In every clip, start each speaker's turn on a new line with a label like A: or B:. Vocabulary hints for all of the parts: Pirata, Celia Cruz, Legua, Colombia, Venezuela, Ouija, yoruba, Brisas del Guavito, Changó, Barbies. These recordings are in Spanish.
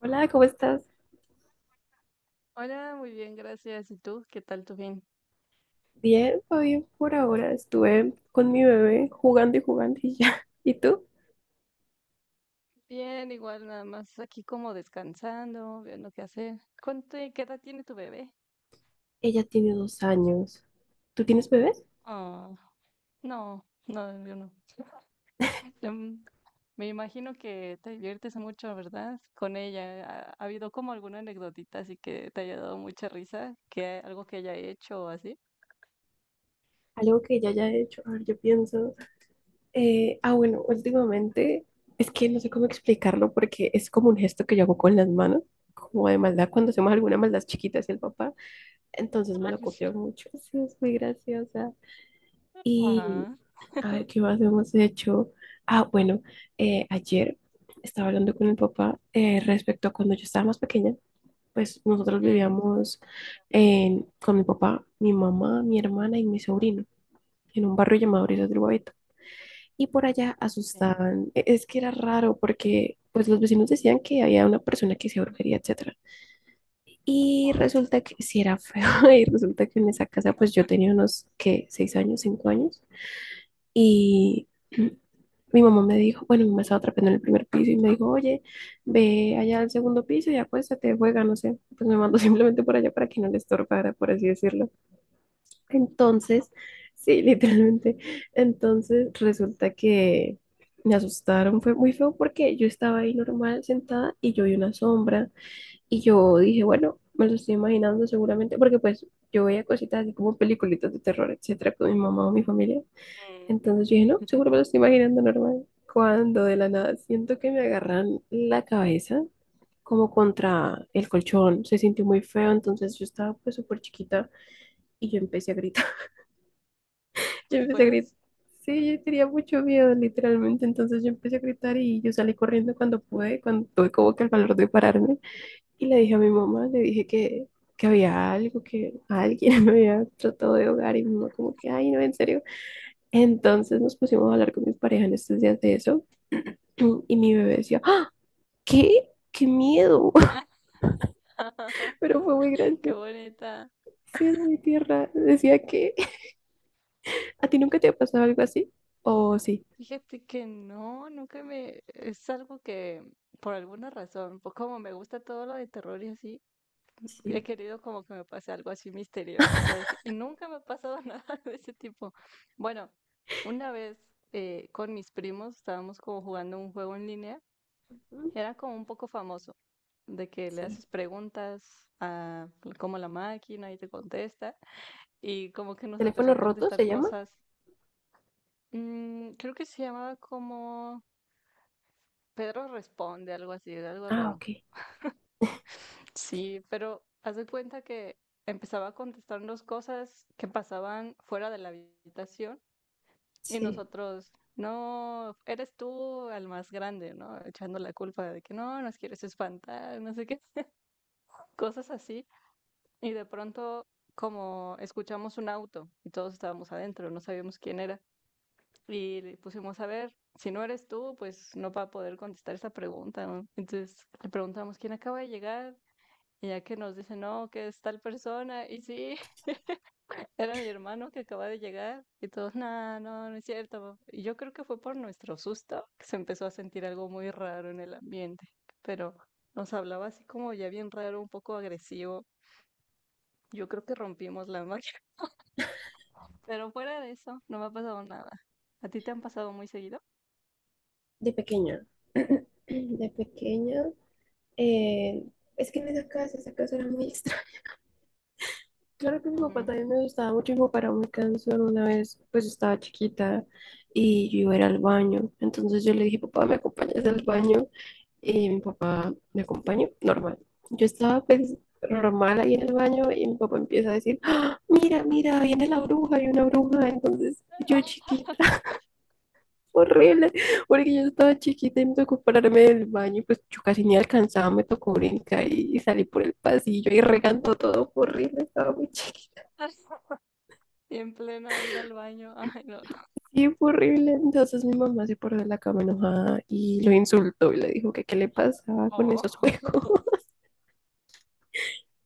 A: Hola, ¿cómo estás?
B: Hola, muy bien, gracias. ¿Y tú? ¿Qué tal tu fin?
A: Bien, todo bien por ahora. Estuve con mi bebé jugando y jugando y ya. ¿Y tú?
B: Bien, igual nada más aquí como descansando, viendo qué hacer. ¿Cuánto, qué edad tiene tu bebé?
A: Ella tiene 2 años. ¿Tú tienes bebés?
B: Ah, no, no, yo no. Em, Me imagino que te diviertes mucho, ¿verdad? Con ella. ¿Ha habido como alguna anécdotita así que te haya dado mucha risa? ¿Que algo que haya hecho o así?
A: Algo que ella haya hecho. A ver, yo pienso. Bueno, últimamente es que no sé cómo explicarlo porque es como un gesto que yo hago con las manos, como de maldad cuando hacemos alguna maldad chiquita hacia el papá. Entonces me
B: Ah,
A: lo
B: sí.
A: copió mucho. Sí, es muy graciosa. Y.
B: Ajá.
A: A ver, ¿qué más hemos hecho? Bueno, ayer estaba hablando con mi papá, respecto a cuando yo estaba más pequeña. Pues nosotros
B: Mm,
A: vivíamos con mi papá, mi mamá, mi hermana y mi sobrino en un barrio llamado Brisas del Guavito. Y por allá
B: sí.
A: asustaban. Es que era raro porque pues los vecinos decían que había una persona que hacía brujería, etcétera. Y
B: Wow.
A: resulta que sí era feo. Y resulta que en esa casa pues yo tenía unos, ¿qué? ¿6 años? ¿5 años? Y mi mamá me dijo, bueno, mi mamá estaba trepando en el primer piso y me dijo, oye, ve allá al segundo piso y acuéstate, juega, no sé. Pues me mandó simplemente por allá para que no le estorbara, por así decirlo. Entonces, sí, literalmente. Entonces resulta que me asustaron, fue muy feo porque yo estaba ahí normal sentada y yo vi una sombra, y yo dije, bueno, me lo estoy imaginando seguramente, porque pues yo veía cositas así como peliculitas de terror, etcétera, con mi mamá o mi familia.
B: Mm,
A: Entonces yo dije, no, seguro me lo estoy imaginando normal. Cuando de la nada siento que me agarran la cabeza como contra el colchón, se sintió muy feo, entonces yo estaba pues súper chiquita y yo empecé a gritar, yo
B: pues
A: empecé a gritar.
B: puedes.
A: Sí, yo tenía mucho miedo, literalmente. Entonces yo empecé a gritar y yo salí corriendo cuando pude, cuando tuve como que el valor de pararme. Y le dije a mi mamá, le dije que había algo, que alguien me había tratado de ahogar. Y mi mamá como que, ay, no, en serio. Entonces nos pusimos a hablar con mis pareja en estos días de eso y mi bebé decía, ¡Ah! ¿Qué? ¡Qué miedo! Pero fue muy
B: Qué
A: gracioso,
B: bonita.
A: sí, mi tierra. Decía que a ti nunca te ha pasado algo así. ¿O sí?
B: Fíjate que no, nunca me... Es algo que, por alguna razón, pues como me gusta todo lo de terror y así, he
A: Sí.
B: querido como que me pase algo así misterioso, así, y nunca me ha pasado nada de ese tipo. Bueno, una vez con mis primos estábamos como jugando un juego en línea,
A: Mm.
B: era como un poco famoso, de que le
A: Sí.
B: haces preguntas a como la máquina y te contesta, y como que nos empezó
A: ¿Teléfono
B: a
A: roto
B: contestar
A: se llama?
B: cosas. Mm, creo que se llamaba como... Pedro responde, algo así, de algo
A: Ah,
B: raro.
A: ok.
B: Sí, pero haz de cuenta que empezaba a contestarnos cosas que pasaban fuera de la habitación y
A: Sí,
B: nosotros, no, eres tú el más grande, ¿no? Echando la culpa de que no, nos quieres espantar, no sé qué, cosas así. Y de pronto, como escuchamos un auto y todos estábamos adentro, no sabíamos quién era. Y le pusimos a ver, si no eres tú, pues no va a poder contestar esa pregunta, ¿no? Entonces le preguntamos quién acaba de llegar. Y ya que nos dice, no, que es tal persona, y sí, era mi hermano que acaba de llegar, y todos, no, no, no es cierto. Y yo creo que fue por nuestro susto que se empezó a sentir algo muy raro en el ambiente, pero nos hablaba así como ya bien raro, un poco agresivo. Yo creo que rompimos la magia, pero fuera de eso, no me ha pasado nada. ¿A ti te han pasado muy seguido?
A: de pequeña. De pequeña. eh, es que en esa casa era muy extraña. Claro que mi papá
B: Ujú.
A: también me gustaba mucho y me paraba muy cansón una vez, pues estaba chiquita y yo iba a ir al baño. Entonces yo le dije, papá, ¿me acompañas al baño? Y mi papá me acompañó, normal. Yo estaba pues normal ahí en el baño y mi papá empieza a decir, "¡Ah! Mira, mira, viene la bruja, hay una bruja". Entonces yo chiquita, horrible, porque yo estaba chiquita y me tocó pararme del baño, pues yo casi ni alcanzaba, me tocó brincar y salí por el pasillo y regando todo, horrible, estaba muy chiquita.
B: Y en plena ir al baño, ay, no.
A: Sí, fue horrible. Entonces mi mamá se paró de la cama enojada y lo insultó y le dijo que qué le pasaba con esos
B: Oh.
A: juegos.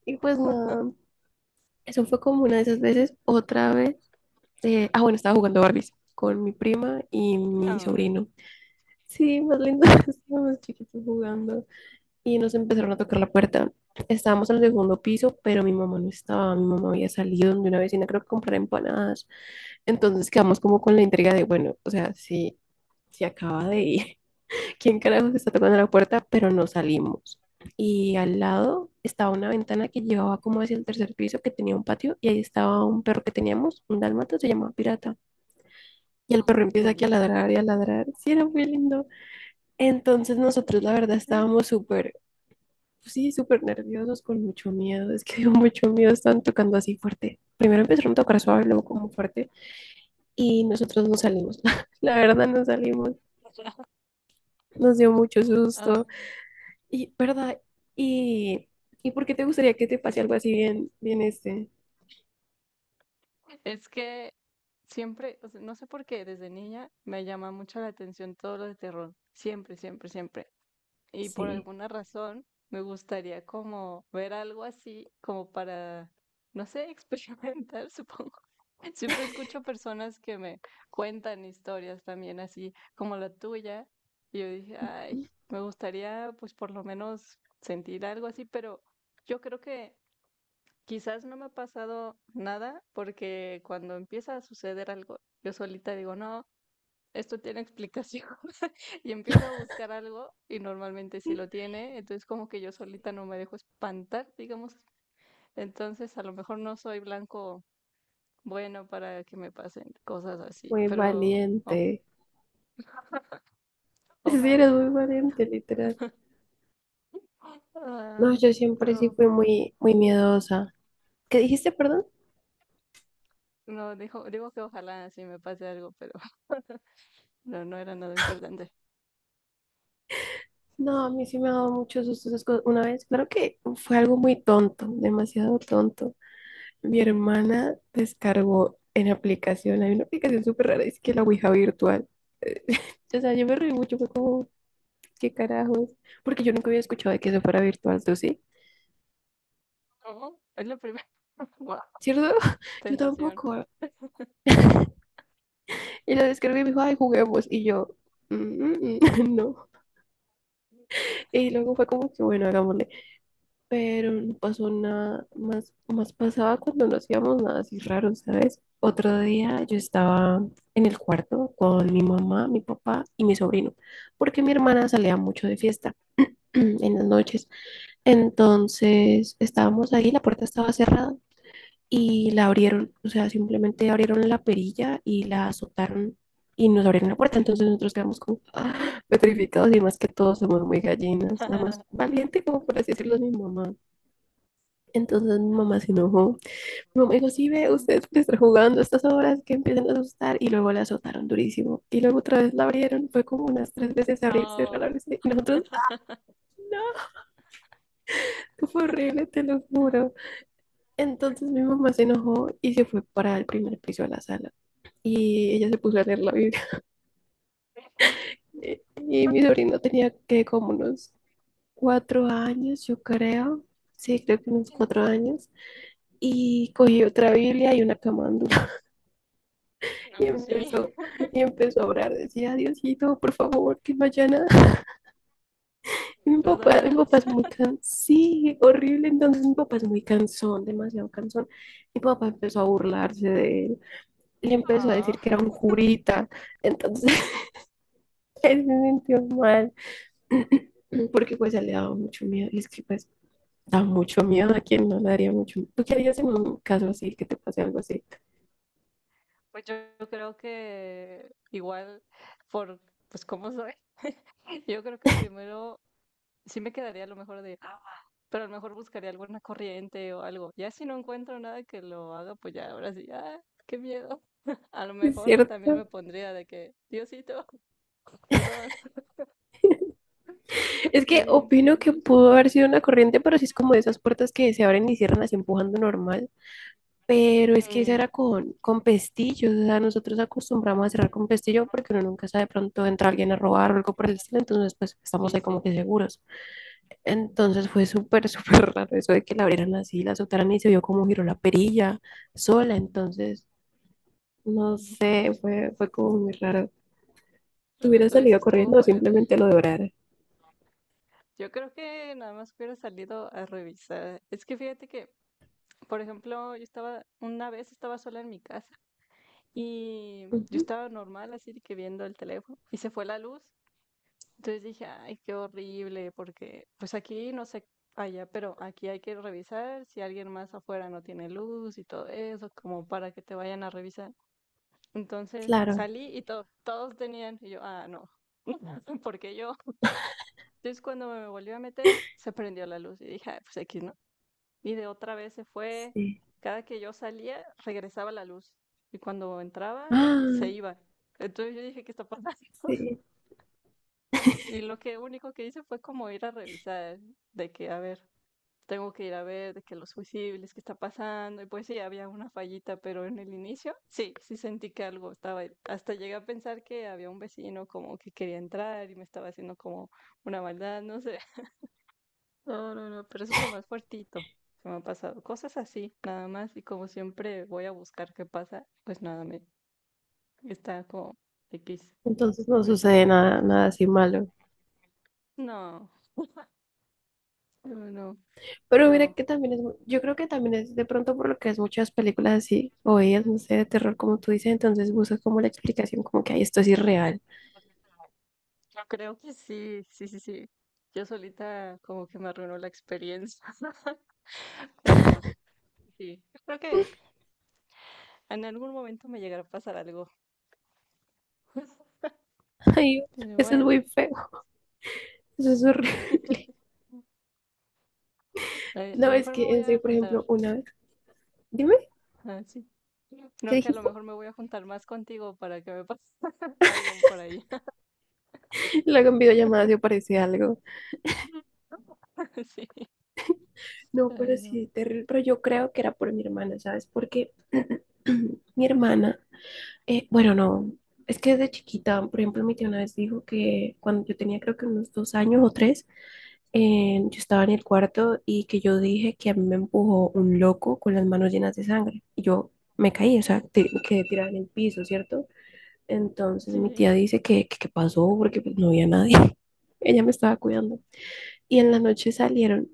A: Y pues nada, eso fue como una de esas veces. Otra vez, bueno, estaba jugando Barbies con mi prima y mi
B: Ah,
A: sobrino. Sí, más lindo, estábamos chiquitos jugando y nos empezaron a tocar la puerta. Estábamos en el segundo piso, pero mi mamá no estaba. Mi mamá había salido de una vecina, creo que comprar empanadas. Entonces quedamos como con la intriga de, bueno, o sea, si, si acaba de ir, quién carajos está tocando la puerta, pero no salimos. Y al lado estaba una ventana que llevaba como hacia el tercer piso, que tenía un patio, y ahí estaba un perro que teníamos, un dálmata, se llamaba Pirata. Y el perro
B: qué
A: empieza aquí a
B: bonito.
A: ladrar y a ladrar. Sí, era muy lindo. Entonces nosotros, la verdad, estábamos súper, pues sí, súper nerviosos, con mucho miedo. Es que dio mucho miedo, estaban tocando así fuerte. Primero empezaron a tocar suave, luego como fuerte, y nosotros no salimos. La verdad, no salimos. Nos dio mucho susto. Y, ¿verdad? ¿Y, ¿y por qué te gustaría que te pase algo así bien, bien este?
B: Es que siempre, o sea, no sé por qué, desde niña me llama mucho la atención todo lo de terror. Siempre, siempre, siempre. Y por
A: Sí.
B: alguna razón me gustaría como ver algo así, como para, no sé, experimentar, supongo. Siempre escucho personas que me cuentan historias también así como la tuya. Y yo dije, ay, me gustaría pues por lo menos sentir algo así, pero yo creo que quizás no me ha pasado nada porque cuando empieza a suceder algo, yo solita digo, no, esto tiene explicación y empiezo a buscar algo y normalmente sí lo tiene, entonces como que yo solita no me dejo espantar, digamos, entonces a lo mejor no soy blanco bueno para que me pasen cosas así,
A: Muy
B: pero o-
A: valiente. Sí, eres
B: ojalá,
A: muy valiente, literal.
B: ah,
A: No, yo siempre sí
B: pero
A: fui muy, muy miedosa. ¿Qué dijiste, perdón?
B: no, dijo, digo que ojalá sí me pase algo, pero no, no era nada importante.
A: No, a mí sí me ha dado muchos sustos esas cosas. Una vez, claro que fue algo muy tonto, demasiado tonto. Mi hermana descargó en aplicación, hay una aplicación súper rara, es que la Ouija virtual. O sea, yo me reí mucho, fue como, ¿qué carajos? Porque yo nunca había escuchado de que eso fuera virtual, ¿tú sí?
B: No, es la primera, guau,
A: ¿Cierto? Yo
B: tentación.
A: tampoco. Y la descargué y me dijo, ay, juguemos. Y yo, "Mm, mm, mm, no". Y luego fue como que, bueno, hagámosle. Pero no pasó nada. Más, más pasaba cuando no hacíamos nada así raro, ¿sabes? Otro día yo estaba en el cuarto con mi mamá, mi papá y mi sobrino, porque mi hermana salía mucho de fiesta en las noches. Entonces estábamos ahí, la puerta estaba cerrada y la abrieron, o sea, simplemente abrieron la perilla y la azotaron y nos abrieron la puerta. Entonces nosotros quedamos como ¡ah!, petrificados, y más que todos somos muy gallinas, la más valiente, como por así decirlo, es mi mamá. Entonces mi mamá se enojó. Mi mamá dijo, sí, ve,
B: Mm,
A: ustedes pueden estar jugando a estas horas que empiezan a asustar, y luego la azotaron durísimo. Y luego otra vez la abrieron, fue como unas 3 veces abrir, cerrar,
B: no.
A: abrirse. Y nosotros, no, fue horrible, te lo
B: Mm.
A: juro. Entonces mi mamá se enojó y se fue para el primer piso de la sala. Y ella se puso a leer la Biblia. Eh, Y mi sobrino tenía que como unos 4 años, yo creo. Sí, creo que unos 4 años. Y cogió otra Biblia y una camándula.
B: No,
A: Y
B: pues sí,
A: empezó, y empezó a orar. Decía, Diosito, por favor, que no haya nada. Y mi papá
B: perdónanos.
A: es muy cansón. Sí, horrible. Entonces mi papá es muy cansón, demasiado cansón. Mi papá empezó a burlarse de él. Le empezó a
B: Ah,
A: decir que era un curita. Entonces él se sintió mal. Porque pues a él le daba mucho miedo. Y es que pues da mucho miedo, a quien no le daría mucho miedo. ¿Tú qué harías en un caso así, que te pase algo así?
B: pues yo creo que igual por pues cómo soy, yo creo que primero sí me quedaría a lo mejor de, "Ah", pero a lo mejor buscaría alguna corriente o algo. Ya si no encuentro nada que lo haga, pues ya ahora sí, ah, qué miedo. A lo
A: Es
B: mejor también me
A: cierto.
B: pondría de que, Diosito, perdón.
A: Es que
B: Sí,
A: opino que
B: sí, sí.
A: pudo haber sido una corriente, pero sí es como de esas puertas que se abren y cierran así empujando normal. Pero es que esa
B: Mm,
A: era con pestillo. O sea, nosotros acostumbramos a cerrar con pestillo porque uno nunca sabe, de pronto entra alguien a robar o algo por el estilo. Entonces, pues estamos
B: sí,
A: ahí como
B: sí.
A: que seguros. Entonces fue súper, súper raro eso de que la abrieran así, la soltaran y se vio cómo giró la perilla sola. Entonces, no sé, fue, fue como muy raro. ¿Te hubieras
B: Entonces sí
A: salido
B: estuvo
A: corriendo o
B: fuerte.
A: simplemente lo devorara?
B: Yo creo que nada más hubiera salido a revisar. Es que fíjate que, por ejemplo, yo estaba, una vez estaba sola en mi casa y yo
A: Ujú,
B: estaba normal así de que viendo el teléfono y se fue la luz. Entonces dije, ay, qué horrible, porque pues aquí no sé allá, pero aquí hay que revisar si alguien más afuera no tiene luz y todo eso, como para que te vayan a revisar. Entonces
A: claro,
B: salí y to- todos tenían, y yo, ah, no, ¿porque yo? Entonces cuando me volví a meter, se prendió la luz y dije, "Ah, pues aquí no", y de otra vez se fue.
A: sí.
B: Cada que yo salía, regresaba la luz y cuando entraba, se
A: Ah,
B: iba. Entonces yo dije, ¿qué está pasando?
A: sí.
B: Y lo que único que hice fue como ir a revisar, de que, a ver, tengo que ir a ver, de que los fusibles, qué está pasando. Y pues sí, había una fallita, pero en el inicio, sí, sí sentí que algo estaba ahí. Hasta llegué a pensar que había un vecino como que quería entrar y me estaba haciendo como una maldad, no sé. No, no, no, pero eso es lo más fuertito que me ha pasado. Cosas así, nada más. Y como siempre voy a buscar qué pasa, pues nada, me está como X.
A: Entonces no
B: Por eso,
A: sucede nada, nada así malo.
B: no, no, no.
A: Pero mira
B: Pero
A: que también es, yo creo que también es de pronto por lo que es muchas películas así, o ellas, no sé, de terror, como tú dices, entonces buscas como la explicación, como que, ay, esto es irreal.
B: yo creo que sí, sí, sí, sí. Yo solita como que me arruinó la experiencia. Pero sí, yo creo que en algún momento me llegará a pasar algo.
A: Ay,
B: Pero
A: eso es
B: bueno,
A: muy feo, eso es horrible.
B: a
A: No,
B: lo
A: es
B: mejor me
A: que
B: voy
A: en
B: a
A: serio, por
B: juntar.
A: ejemplo, una vez, dime,
B: Ah, sí.
A: ¿qué
B: Creo que a lo
A: dijiste?
B: mejor me voy a juntar más contigo para que me pase algo por ahí.
A: Luego en videollamada si aparece algo.
B: Sí,
A: No, pero
B: pero
A: sí, terrible, pero yo creo que era por mi hermana, ¿sabes? Porque mi hermana, bueno, no, es que desde chiquita, por ejemplo, mi tía una vez dijo que cuando yo tenía creo que unos 2 años o 3, yo estaba en el cuarto y que yo dije que a mí me empujó un loco con las manos llenas de sangre. Y yo me caí, o sea, quedé tirada en el piso, ¿cierto? Entonces mi
B: sí.
A: tía dice que pasó porque pues, no había nadie. Ella me estaba cuidando. Y en la noche salieron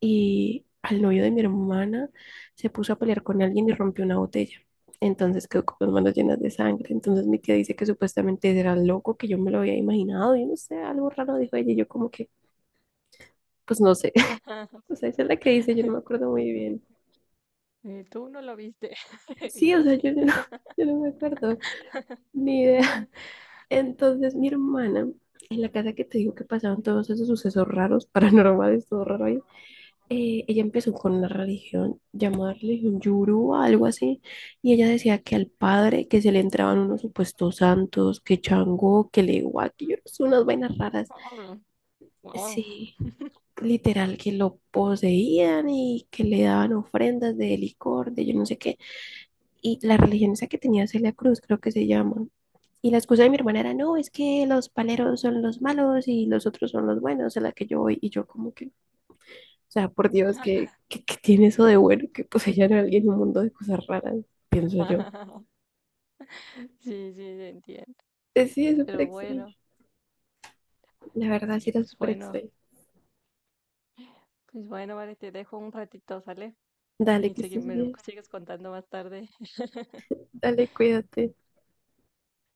A: y al novio de mi hermana se puso a pelear con alguien y rompió una botella. Entonces quedó con las manos llenas de sangre. Entonces mi tía dice que supuestamente era loco, que yo me lo había imaginado. Y no sé, algo raro dijo ella. Y yo como que, pues no sé. O sea, esa es la que dice, yo no me acuerdo muy bien.
B: Tú no lo viste,
A: Sí, o
B: yo
A: sea,
B: sí.
A: yo no, yo no me acuerdo, ni idea. Entonces mi hermana, en la casa que te digo que pasaban todos esos sucesos raros, paranormales, todo raro ahí, ella empezó con una religión llamada religión yoruba, algo así, y ella decía que al padre que se le entraban unos supuestos santos, que Changó, que Legua, que yo no sé, unas vainas raras.
B: Oh, wow.
A: Sí, literal que lo poseían y que le daban ofrendas de licor, de yo no sé qué. Y la religión esa que tenía Celia Cruz, creo que se llama. Y la excusa de mi hermana era, no, es que los paleros son los malos y los otros son los buenos, a la que yo voy. Y yo como que, o sea, por Dios, que tiene eso de bueno, que poseyan a alguien en un mundo de cosas raras? Pienso yo.
B: Sí, sí, te entiendo.
A: Sí, es súper
B: Pero
A: extraño.
B: bueno,
A: La verdad, sí
B: sí,
A: era súper extraño.
B: pues bueno, vale, te dejo un ratito, ¿sale?
A: Dale,
B: Y
A: que
B: segui-
A: estés
B: me
A: bien.
B: sigues contando más tarde.
A: Dale, cuídate.